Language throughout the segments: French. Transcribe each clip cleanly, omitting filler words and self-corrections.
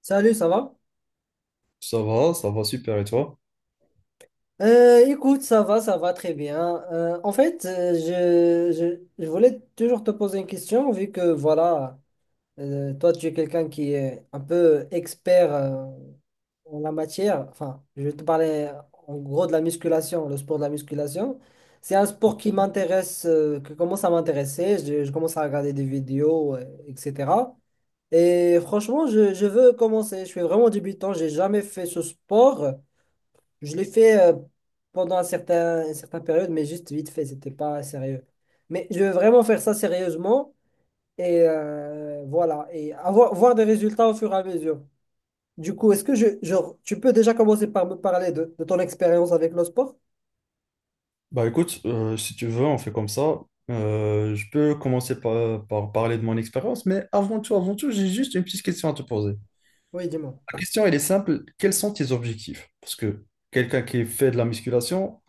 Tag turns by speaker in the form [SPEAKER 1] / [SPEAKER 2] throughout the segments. [SPEAKER 1] Salut, ça va?
[SPEAKER 2] Ça va super et toi?
[SPEAKER 1] Écoute, ça va très bien. En fait, je voulais toujours te poser une question, vu que voilà, toi, tu es quelqu'un qui est un peu expert en la matière. Enfin, je vais te parler en gros de la musculation, le sport de la musculation. C'est un sport qui m'intéresse, qui commence à m'intéresser. Je commence à regarder des vidéos, etc. Et franchement, je veux commencer. Je suis vraiment débutant, j'ai jamais fait ce sport. Je l'ai fait pendant une certaine période, mais juste vite fait, c'était pas sérieux. Mais je veux vraiment faire ça sérieusement et voilà, et avoir voir des résultats au fur et à mesure. Du coup, est-ce que genre, tu peux déjà commencer par me parler de ton expérience avec le sport?
[SPEAKER 2] Bah écoute, si tu veux, on fait comme ça. Je peux commencer par, parler de mon expérience, mais avant tout, j'ai juste une petite question à te poser.
[SPEAKER 1] Oui, dis-moi.
[SPEAKER 2] La question, elle est simple. Quels sont tes objectifs? Parce que quelqu'un qui fait de la musculation,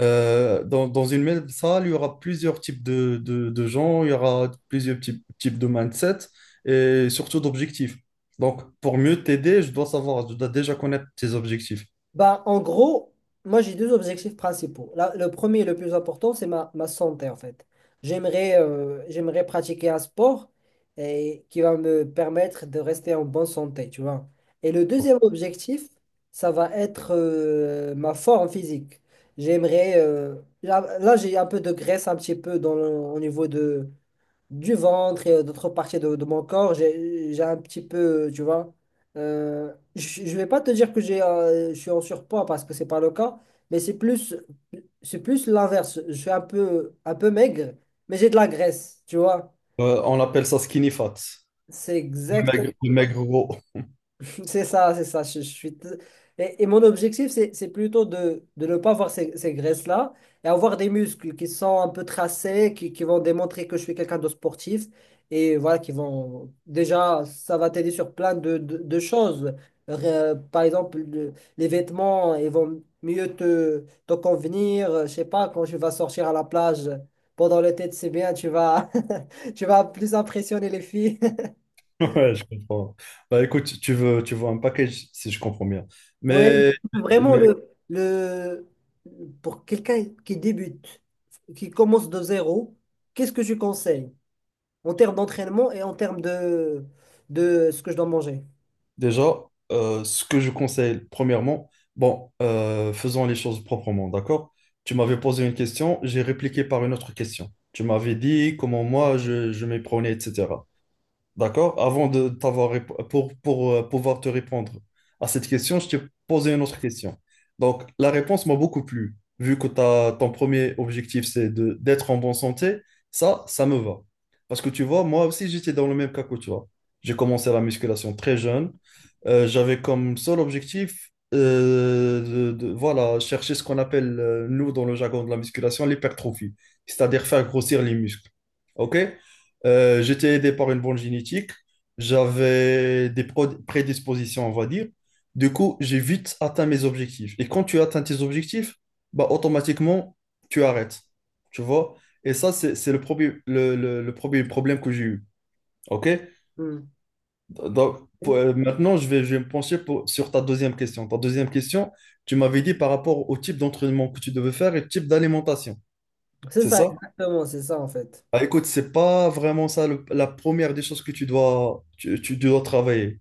[SPEAKER 2] dans, une même salle, il y aura plusieurs types de gens, il y aura plusieurs types de mindset et surtout d'objectifs. Donc, pour mieux t'aider, je dois savoir, je dois déjà connaître tes objectifs.
[SPEAKER 1] Bah, en gros, moi j'ai deux objectifs principaux. Le premier et le plus important, c'est ma santé en fait. J'aimerais pratiquer un sport et, qui va me permettre de rester en bonne santé, tu vois. Et le deuxième objectif, ça va être ma forme physique. J'aimerais... euh, là, j'ai un peu de graisse un petit peu au niveau du ventre et d'autres parties de mon corps, j'ai un petit peu, tu vois. Je ne vais pas te dire que je suis en surpoids parce que c'est pas le cas, mais c'est plus l'inverse. Je suis un peu maigre, mais j'ai de la graisse, tu vois.
[SPEAKER 2] On appelle ça skinny fat.
[SPEAKER 1] C'est exact.
[SPEAKER 2] Maigre, le maigre gros.
[SPEAKER 1] C'est ça, c'est ça. Et mon objectif, c'est plutôt de ne pas avoir ces graisses-là et avoir des muscles qui sont un peu tracés, qui vont démontrer que je suis quelqu'un de sportif. Et voilà. Déjà, ça va t'aider sur plein de choses. Par exemple, les vêtements, ils vont mieux te convenir. Je sais pas, quand tu vas sortir à la plage pendant l'été, c'est bien, tu vas plus impressionner les filles.
[SPEAKER 2] Ouais, je comprends. Bah écoute, tu veux un package, si je comprends bien.
[SPEAKER 1] Ouais,
[SPEAKER 2] Mais,
[SPEAKER 1] vraiment
[SPEAKER 2] mais
[SPEAKER 1] le pour quelqu'un qui débute, qui commence de zéro, qu'est-ce que tu conseilles en termes d'entraînement et en termes de ce que je dois manger?
[SPEAKER 2] déjà, ce que je conseille, premièrement, bon, faisons les choses proprement, d'accord? Tu m'avais posé une question, j'ai répliqué par une autre question. Tu m'avais dit comment moi je m'y prenais, etc. D'accord? Avant de t'avoir rép- Pour pouvoir te répondre à cette question, je t'ai posé une autre question. Donc, la réponse m'a beaucoup plu. Vu que ton premier objectif, c'est de, d'être en bonne santé, ça me va. Parce que tu vois, moi aussi, j'étais dans le même cas que toi. J'ai commencé la musculation très jeune. J'avais comme seul objectif, voilà, chercher ce qu'on appelle, nous, dans le jargon de la musculation, l'hypertrophie, c'est-à-dire faire grossir les muscles. OK? J'étais aidé par une bonne génétique. J'avais des prédispositions, on va dire. Du coup, j'ai vite atteint mes objectifs. Et quand tu atteins tes objectifs, bah, automatiquement, tu arrêtes. Tu vois? Et ça, c'est le premier, le premier problème que j'ai eu. OK?
[SPEAKER 1] Hmm.
[SPEAKER 2] Donc, maintenant, je vais me pencher sur ta deuxième question. Ta deuxième question, tu m'avais dit par rapport au type d'entraînement que tu devais faire et le type d'alimentation.
[SPEAKER 1] C'est
[SPEAKER 2] C'est
[SPEAKER 1] ça,
[SPEAKER 2] ça?
[SPEAKER 1] exactement, c'est ça en fait.
[SPEAKER 2] Bah, écoute, c'est pas vraiment ça la première des choses que tu dois travailler.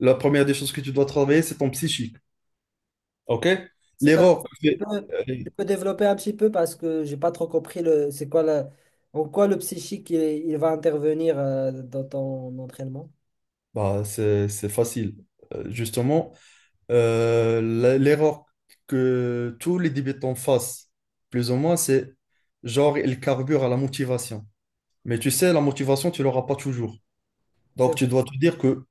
[SPEAKER 2] La première des choses que tu dois travailler, c'est ton psychique. OK?
[SPEAKER 1] C'est un-
[SPEAKER 2] L'erreur que
[SPEAKER 1] tu
[SPEAKER 2] fait-
[SPEAKER 1] peux,
[SPEAKER 2] euh,
[SPEAKER 1] tu peux développer un petit peu parce que j'ai pas trop compris le c'est quoi la, en quoi le psychique il va intervenir dans ton entraînement.
[SPEAKER 2] bah, c'est facile. Justement, l'erreur que tous les débutants fassent, plus ou moins, c'est genre, ils carburent à la motivation. Mais tu sais, la motivation, tu l'auras pas toujours. Donc,
[SPEAKER 1] C'est-
[SPEAKER 2] tu dois te dire que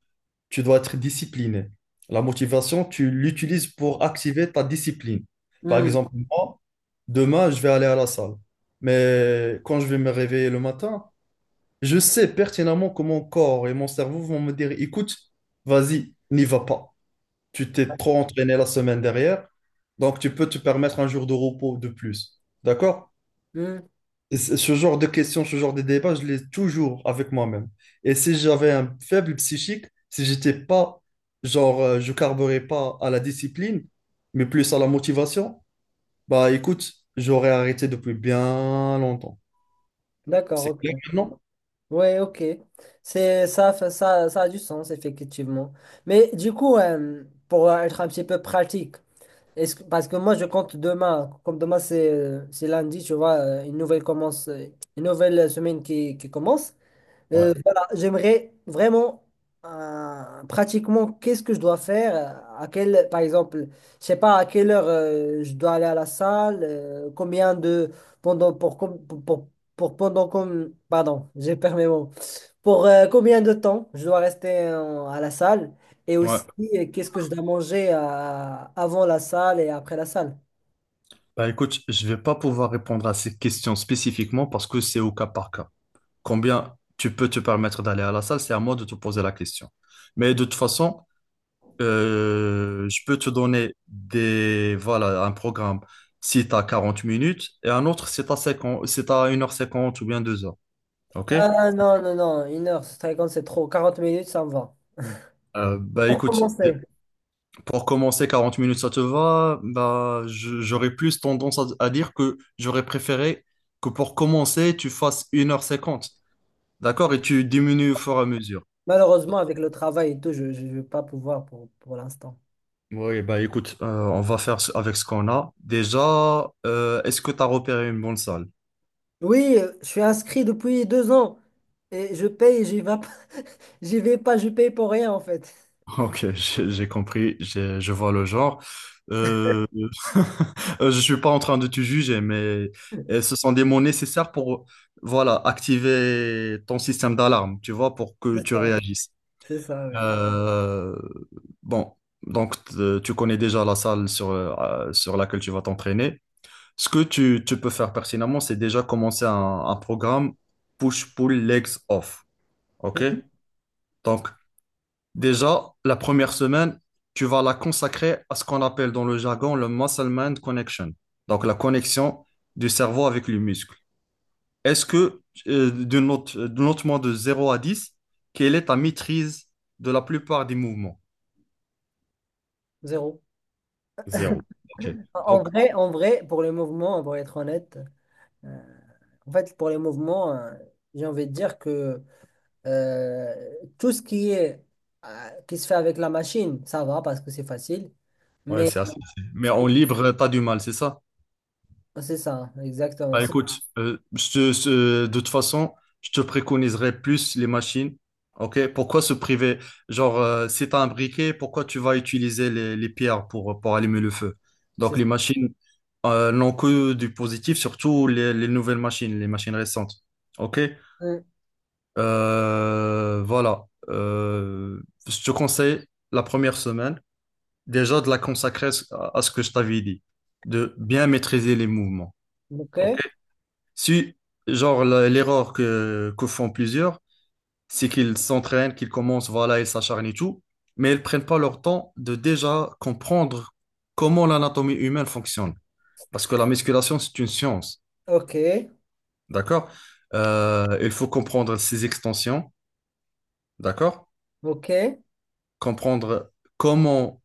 [SPEAKER 2] tu dois être discipliné. La motivation, tu l'utilises pour activer ta discipline. Par
[SPEAKER 1] Hmm,
[SPEAKER 2] exemple, moi, demain, je vais aller à la salle. Mais quand je vais me réveiller le matin, je sais pertinemment que mon corps et mon cerveau vont me dire, écoute, vas-y, n'y va pas. Tu t'es trop entraîné la semaine dernière, donc tu peux te permettre un jour de repos de plus. D'accord?
[SPEAKER 1] hmm.
[SPEAKER 2] Et ce genre de questions, ce genre de débat, je l'ai toujours avec moi-même. Et si j'avais un faible psychique, si j'étais pas, genre, je carburais pas à la discipline, mais plus à la motivation, bah écoute, j'aurais arrêté depuis bien longtemps.
[SPEAKER 1] D'accord,
[SPEAKER 2] C'est clair,
[SPEAKER 1] ok.
[SPEAKER 2] non?
[SPEAKER 1] Ouais, ok. C'est ça, ça, ça a du sens, effectivement. Mais du coup, pour être un petit peu pratique, parce que moi je compte demain, comme demain c'est lundi, tu vois, une nouvelle semaine qui commence.
[SPEAKER 2] Ouais,
[SPEAKER 1] Voilà, j'aimerais vraiment pratiquement qu'est-ce que je dois faire, par exemple, je sais pas à quelle heure je dois aller à la salle, combien de pendant pour com- pardon, j'ai perdu mes mots. Pour combien de temps je dois rester à la salle et
[SPEAKER 2] ouais.
[SPEAKER 1] aussi qu'est-ce que je dois manger avant la salle et après la salle.
[SPEAKER 2] Bah écoute, je vais pas pouvoir répondre à ces questions spécifiquement parce que c'est au cas par cas. Combien tu peux te permettre d'aller à la salle, c'est à moi de te poser la question. Mais de toute façon, je peux te donner des, voilà, un programme si tu as 40 minutes et un autre si tu as 50, si tu as 1h50 ou bien 2 heures. OK?
[SPEAKER 1] Ah, non, non, non, une heure, c'est très grand, c'est trop, 40 minutes, ça me va.
[SPEAKER 2] Bah
[SPEAKER 1] Pour
[SPEAKER 2] écoute,
[SPEAKER 1] commencer.
[SPEAKER 2] pour commencer 40 minutes, ça te va? Bah, j'aurais plus tendance à dire que j'aurais préféré que pour commencer, tu fasses 1h50. D'accord? Et tu diminues au fur et à mesure.
[SPEAKER 1] Malheureusement, avec le travail et tout, je ne vais pas pouvoir pour l'instant.
[SPEAKER 2] Oui, bah écoute, on va faire avec ce qu'on a. Déjà, est-ce que tu as repéré une bonne salle?
[SPEAKER 1] Oui, je suis inscrit depuis 2 ans et je paye, j'y vais pas, j'y vais pas, je paye pour rien en fait.
[SPEAKER 2] Ok, j'ai compris, je vois le genre. Euh, je suis pas en train de te juger, mais ce sont des mots nécessaires pour, voilà, activer ton système d'alarme, tu vois, pour que
[SPEAKER 1] C'est
[SPEAKER 2] tu
[SPEAKER 1] ça,
[SPEAKER 2] réagisses.
[SPEAKER 1] c'est ça, oui.
[SPEAKER 2] Euh, bon, donc tu connais déjà la salle sur, sur laquelle tu vas t'entraîner. Ce que tu peux faire pertinemment, c'est déjà commencer un programme push-pull legs off. OK? Donc, déjà, la première semaine, tu vas la consacrer à ce qu'on appelle dans le jargon le muscle-mind connection, donc la connexion du cerveau avec le muscle. Est-ce que, d'une note de 0 à 10, quelle est ta maîtrise de la plupart des mouvements?
[SPEAKER 1] Zéro.
[SPEAKER 2] 0. Ok. Donc,
[SPEAKER 1] En vrai, pour les mouvements, pour être honnête, euh, en fait, pour les mouvements, j'ai envie de dire que euh, tout ce qui est qui se fait avec la machine, ça va parce que c'est facile.
[SPEAKER 2] ouais,
[SPEAKER 1] Mais
[SPEAKER 2] c'est assez facile. Mais en libre, tu as du mal, c'est ça?
[SPEAKER 1] c'est ça, exactement.
[SPEAKER 2] Bah,
[SPEAKER 1] C'est
[SPEAKER 2] écoute, de toute façon, je te préconiserais plus les machines. Ok, pourquoi se priver? Genre, si tu un briquet, pourquoi tu vas utiliser les pierres pour, allumer le feu?
[SPEAKER 1] c'est
[SPEAKER 2] Donc,
[SPEAKER 1] ça.
[SPEAKER 2] les machines n'ont que du positif, surtout les nouvelles machines, les machines récentes. Ok.
[SPEAKER 1] Mm.
[SPEAKER 2] Voilà. Je te conseille la première semaine déjà de la consacrer à ce que je t'avais dit, de bien maîtriser les mouvements.
[SPEAKER 1] Ok.
[SPEAKER 2] Ok. Si, genre, l'erreur que font plusieurs, c'est qu'ils s'entraînent, qu'ils commencent, voilà, ils s'acharnent et tout, mais ils prennent pas leur temps de déjà comprendre comment l'anatomie humaine fonctionne. Parce que la musculation, c'est une science,
[SPEAKER 1] Ok,
[SPEAKER 2] d'accord? Il faut comprendre ses extensions, d'accord?
[SPEAKER 1] ok,
[SPEAKER 2] Comprendre comment,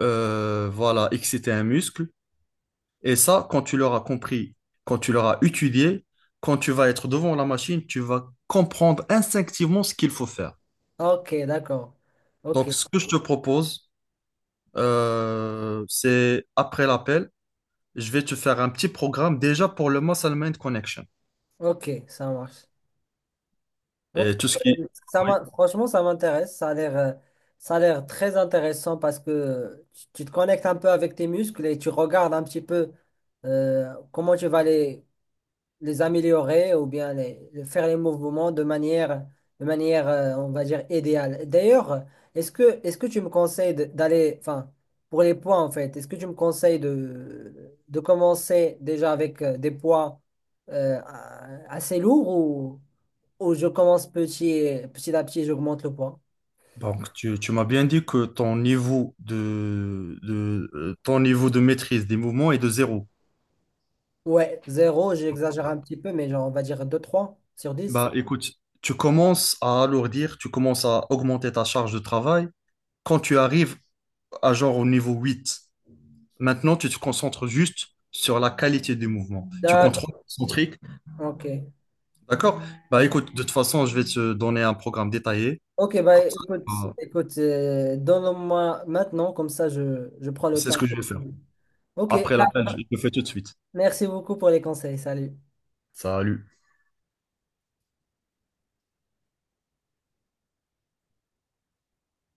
[SPEAKER 2] voilà, exciter un muscle. Et ça, quand tu l'auras compris, quand tu l'auras étudié, quand tu vas être devant la machine, tu vas comprendre instinctivement ce qu'il faut faire.
[SPEAKER 1] ok, d'accord. Ok,
[SPEAKER 2] Donc, ce que je te propose, c'est après l'appel, je vais te faire un petit programme déjà pour le Muscle Mind Connection
[SPEAKER 1] ok, ça marche. Ok,
[SPEAKER 2] et tout ce qui. Oui.
[SPEAKER 1] franchement, ça m'intéresse. Ça a l'air très intéressant parce que tu te connectes un peu avec tes muscles et tu regardes un petit peu comment tu vas les améliorer ou bien faire les mouvements de manière on va dire, idéale. D'ailleurs, est-ce que tu me conseilles d'aller, enfin, pour les poids en fait, est-ce que tu me conseilles de commencer déjà avec des poids assez lourds ou je commence petit, petit à petit, j'augmente le poids?
[SPEAKER 2] Donc, tu m'as bien dit que ton niveau de ton niveau de maîtrise des mouvements est de 0.
[SPEAKER 1] Ouais, zéro, j'exagère un petit peu, mais genre, on va dire 2-3 sur 10.
[SPEAKER 2] Bah, écoute, tu commences à alourdir, tu commences à augmenter ta charge de travail quand tu arrives à genre au niveau 8. Maintenant, tu te concentres juste sur la qualité du mouvement. Tu contrôles
[SPEAKER 1] D'accord,
[SPEAKER 2] son trick.
[SPEAKER 1] ok.
[SPEAKER 2] D'accord? Bah écoute, de toute façon, je vais te donner un programme détaillé.
[SPEAKER 1] Ok, bah
[SPEAKER 2] Comme ça, euh,
[SPEAKER 1] écoute, donne-moi maintenant, comme ça je prends le
[SPEAKER 2] c'est ce
[SPEAKER 1] temps.
[SPEAKER 2] que je vais faire.
[SPEAKER 1] Ok,
[SPEAKER 2] Après l'appel, je le fais tout de suite.
[SPEAKER 1] merci beaucoup pour les conseils. Salut.
[SPEAKER 2] Salut.